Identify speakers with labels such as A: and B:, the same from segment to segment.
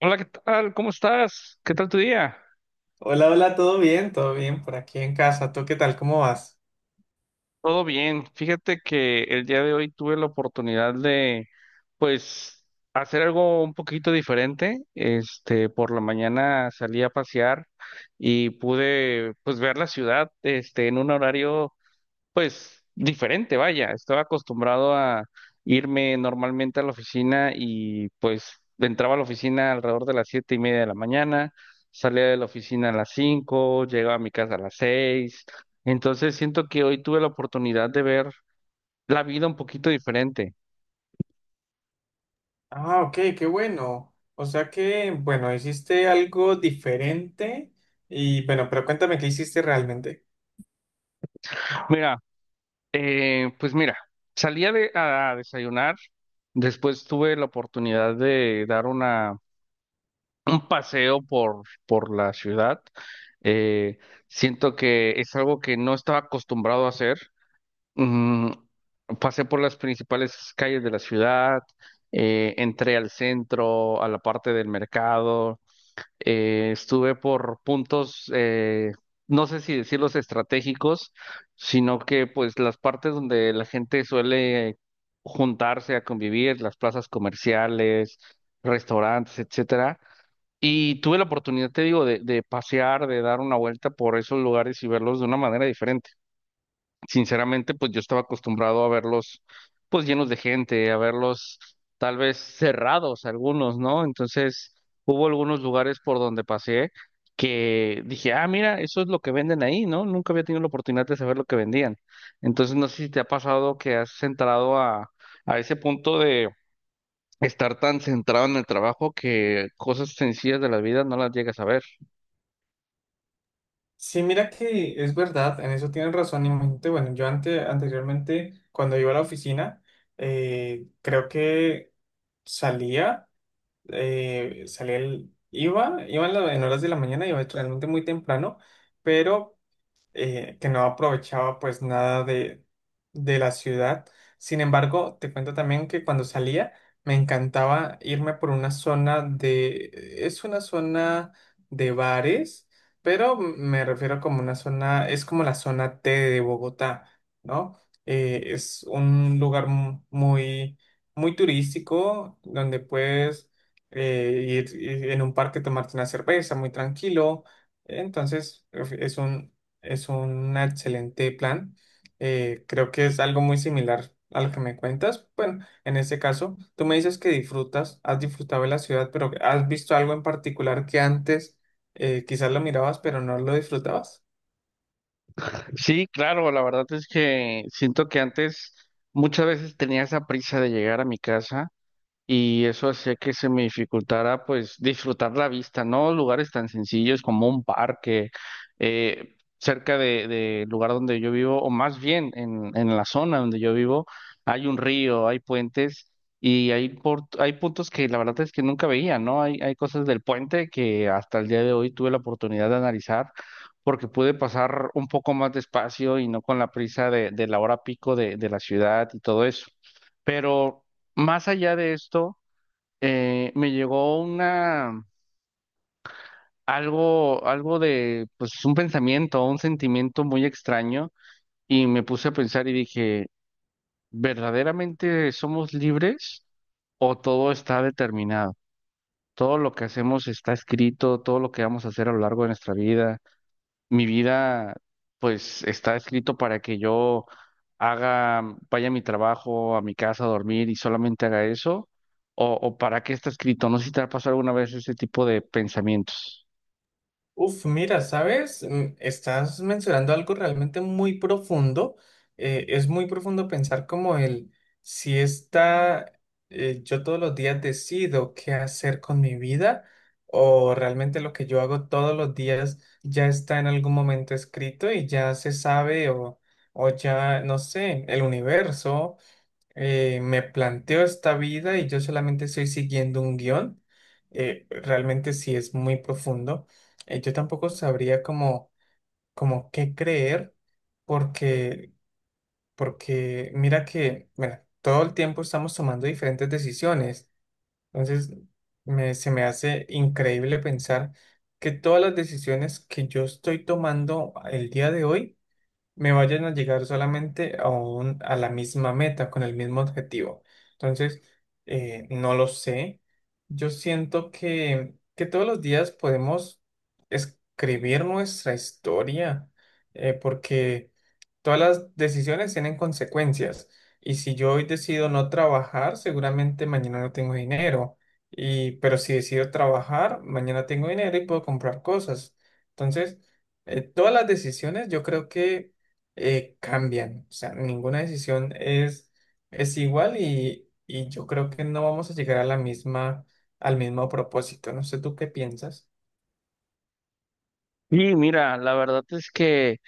A: Hola, ¿qué tal? ¿Cómo estás? ¿Qué tal tu día?
B: Hola, hola, todo bien por aquí en casa. ¿Tú qué tal? ¿Cómo vas?
A: Todo bien. Fíjate que el día de hoy tuve la oportunidad de, pues, hacer algo un poquito diferente. Por la mañana salí a pasear y pude, pues, ver la ciudad, en un horario pues diferente, vaya, estaba acostumbrado a irme normalmente a la oficina y pues entraba a la oficina alrededor de las 7:30 de la mañana, salía de la oficina a las 5, llegaba a mi casa a las 6, entonces siento que hoy tuve la oportunidad de ver la vida un poquito diferente.
B: Ah, ok, qué bueno. O sea que, bueno, hiciste algo diferente y bueno, pero cuéntame qué hiciste realmente.
A: Mira, pues mira, salía a desayunar, después tuve la oportunidad de dar una paseo por la ciudad. Eh, siento que es algo que no estaba acostumbrado a hacer. Mm, pasé por las principales calles de la ciudad, entré al centro, a la parte del mercado, estuve por puntos, no sé si decirlos estratégicos, sino que pues las partes donde la gente suele juntarse a convivir, las plazas comerciales, restaurantes, etcétera. Y tuve la oportunidad, te digo, de pasear, de dar una vuelta por esos lugares y verlos de una manera diferente. Sinceramente, pues yo estaba acostumbrado a verlos, pues llenos de gente, a verlos tal vez cerrados algunos, ¿no? Entonces, hubo algunos lugares por donde paseé que dije, ah, mira, eso es lo que venden ahí, ¿no? Nunca había tenido la oportunidad de saber lo que vendían. Entonces, no sé si te ha pasado que has entrado a ese punto, estar tan centrado en el trabajo que cosas sencillas de la vida no las llegas a ver.
B: Sí, mira que es verdad, en eso tienes razón. Imagínate, bueno, yo anteriormente, cuando iba a la oficina, creo que salía, en horas de la mañana, iba realmente muy temprano, pero que no aprovechaba pues nada de, de la ciudad. Sin embargo, te cuento también que cuando salía me encantaba irme por una zona de, es una zona de bares, pero me refiero como una zona, es como la zona T de Bogotá, ¿no? Es un lugar muy, muy turístico donde puedes ir en un parque tomarte una cerveza muy tranquilo. Entonces, es un excelente plan. Creo que es algo muy similar a lo que me cuentas. Bueno, en este caso, tú me dices que disfrutas, has disfrutado de la ciudad, pero ¿has visto algo en particular que antes quizás lo mirabas, pero no lo disfrutabas?
A: Sí, claro, la verdad es que siento que antes muchas veces tenía esa prisa de llegar a mi casa, y eso hacía que se me dificultara pues disfrutar la vista, ¿no? Lugares tan sencillos como un parque, cerca de, lugar donde yo vivo, o más bien en la zona donde yo vivo, hay un río, hay puentes y hay puntos que la verdad es que nunca veía, ¿no? Hay cosas del puente que hasta el día de hoy tuve la oportunidad de analizar, porque pude pasar un poco más despacio y no con la prisa de la hora pico de la ciudad y todo eso. Pero más allá de esto, me llegó algo de, pues, un pensamiento, un sentimiento muy extraño, y me puse a pensar y dije, ¿verdaderamente somos libres o todo está determinado? Todo lo que hacemos está escrito, todo lo que vamos a hacer a lo largo de nuestra vida, mi vida, pues está escrito para que yo haga, vaya a mi trabajo, a mi casa a dormir y solamente haga eso, o para qué está escrito. No sé si te ha pasado alguna vez ese tipo de pensamientos.
B: Uf, mira, ¿sabes? Mm, estás mencionando algo realmente muy profundo. Es muy profundo pensar como el, si está, yo todos los días decido qué hacer con mi vida o realmente lo que yo hago todos los días ya está en algún momento escrito y ya se sabe o ya, no sé, el universo me planteo esta vida y yo solamente estoy siguiendo un guión. Realmente sí es muy profundo. Yo tampoco sabría cómo, cómo qué creer, porque, porque mira que, bueno, todo el tiempo estamos tomando diferentes decisiones. Entonces, se me hace increíble pensar que todas las decisiones que yo estoy tomando el día de hoy, me vayan a llegar solamente a, a la misma meta, con el mismo objetivo. Entonces, no lo sé. Yo siento que todos los días podemos escribir nuestra historia, porque... Todas las decisiones tienen consecuencias y si yo hoy decido no trabajar, seguramente mañana no tengo dinero. Y, pero si decido trabajar, mañana tengo dinero y puedo comprar cosas. Entonces, todas las decisiones yo creo que cambian. O sea, ninguna decisión es igual y yo creo que no vamos a llegar a la misma, al mismo propósito. No sé tú qué piensas.
A: Sí, mira, la verdad es que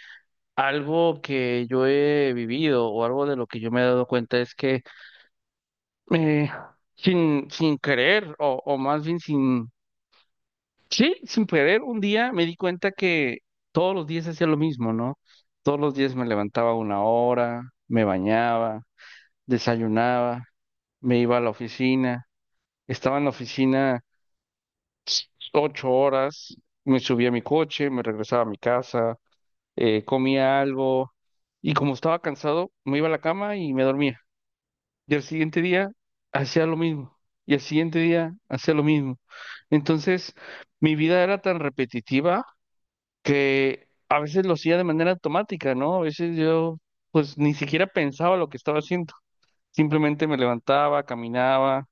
A: algo que yo he vivido o algo de lo que yo me he dado cuenta es que eh, sin querer o más bien sin Sí, sin poder, un día me di cuenta que todos los días hacía lo mismo, ¿no? Todos los días me levantaba una hora, me bañaba, desayunaba, me iba a la oficina, estaba en la oficina 8 horas, me subía a mi coche, me regresaba a mi casa, comía algo y como estaba cansado, me iba a la cama y me dormía. Y al siguiente día hacía lo mismo, y al siguiente día hacía lo mismo. Entonces, mi vida era tan repetitiva que a veces lo hacía de manera automática, ¿no? A veces yo pues ni siquiera pensaba lo que estaba haciendo, simplemente me levantaba, caminaba,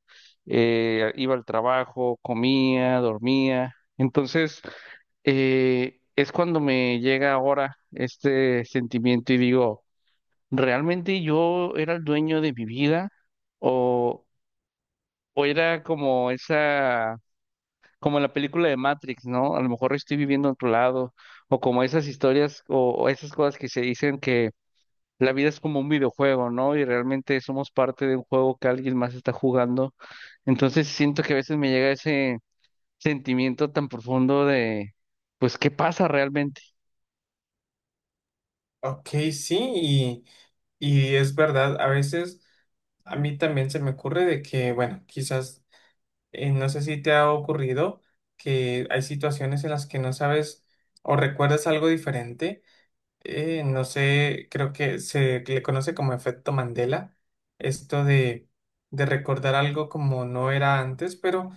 A: iba al trabajo, comía, dormía. Entonces, es cuando me llega ahora este sentimiento y digo, ¿realmente yo era el dueño de mi vida? ¿O, o era como en la película de Matrix, ¿no? A lo mejor estoy viviendo en otro lado, o como esas historias o esas cosas que se dicen que la vida es como un videojuego, ¿no? Y realmente somos parte de un juego que alguien más está jugando. Entonces siento que a veces me llega ese sentimiento tan profundo de, pues, ¿qué pasa realmente?
B: Ok, sí, y es verdad, a veces a mí también se me ocurre de que, bueno, quizás, no sé si te ha ocurrido que hay situaciones en las que no sabes o recuerdas algo diferente. No sé, creo que se le conoce como efecto Mandela, esto de recordar algo como no era antes, pero,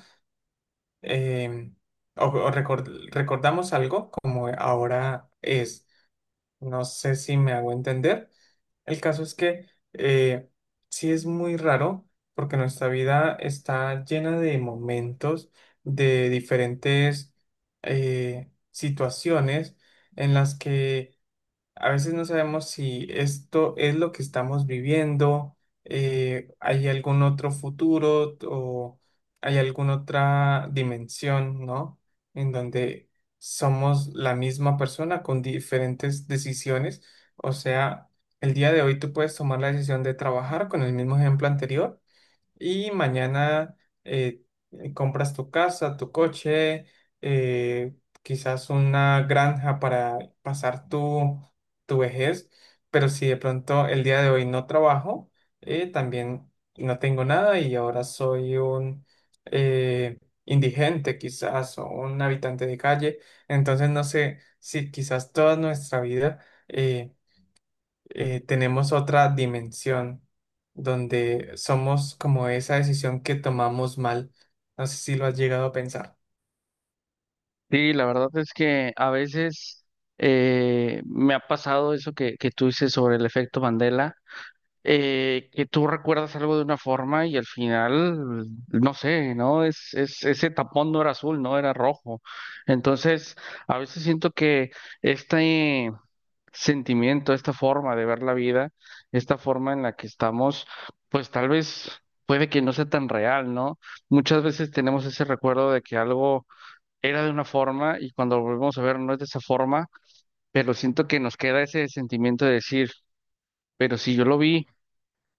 B: eh, o, recordamos algo como ahora es. No sé si me hago entender. El caso es que eh, sí es muy raro porque nuestra vida está llena de momentos, de diferentes situaciones en las que a veces no sabemos si esto es lo que estamos viviendo, hay algún otro o hay alguna otra dimensión, ¿no? En donde somos la misma persona con diferentes decisiones. O sea, el día de hoy tú puedes tomar la decisión de trabajar con el mismo ejemplo anterior y mañana eh, compras tu casa, tu coche, eh, quizás una granja para pasar tu, tu vejez, pero si de pronto el día de hoy no trabajo, también no tengo nada y ahora soy un eh, indigente quizás o un habitante de calle, entonces no sé si quizás toda nuestra vida... eh, tenemos otra dimensión donde somos como esa decisión que tomamos mal. No sé si lo has llegado a pensar.
A: Sí, la verdad es que a veces me ha pasado eso que tú dices sobre el efecto Mandela, que tú recuerdas algo de una forma y al final, no sé, ¿no? Ese tapón no era azul, no era rojo. Entonces, a veces siento que este sentimiento, esta forma de ver la vida, esta forma en la que estamos, pues tal vez puede que no sea tan real, ¿no? Muchas veces tenemos ese recuerdo de que algo era de una forma y cuando lo volvemos a ver no es de esa forma, pero siento que nos queda ese sentimiento de decir, pero si yo lo vi,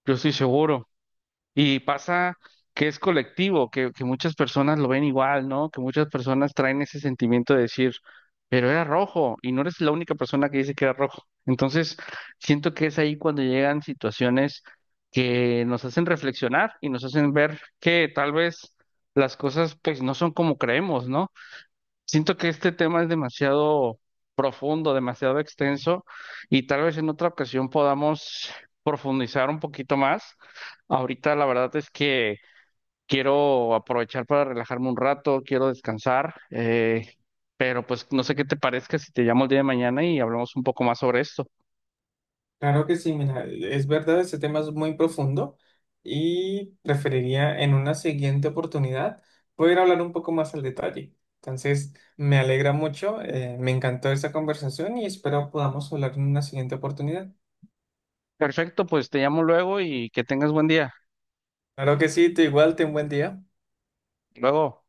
A: yo estoy seguro. Y pasa que es colectivo, que muchas personas lo ven igual, ¿no? Que muchas personas traen ese sentimiento de decir, pero era rojo y no eres la única persona que dice que era rojo. Entonces, siento que es ahí cuando llegan situaciones que nos hacen reflexionar y nos hacen ver que tal vez las cosas pues no son como creemos, ¿no? Siento que este tema es demasiado profundo, demasiado extenso y tal vez en otra ocasión podamos profundizar un poquito más. Ahorita la verdad es que quiero aprovechar para relajarme un rato, quiero descansar, pero pues no sé qué te parezca si te llamo el día de mañana y hablamos un poco más sobre esto.
B: Claro que sí, mira, es verdad, este tema es muy profundo y preferiría en una siguiente oportunidad poder hablar un poco más al detalle. Entonces, me alegra mucho, me encantó esta conversación y espero podamos hablar en una siguiente oportunidad.
A: Perfecto, pues te llamo luego y que tengas buen día.
B: Claro que sí, te igual, ten buen día.
A: Luego.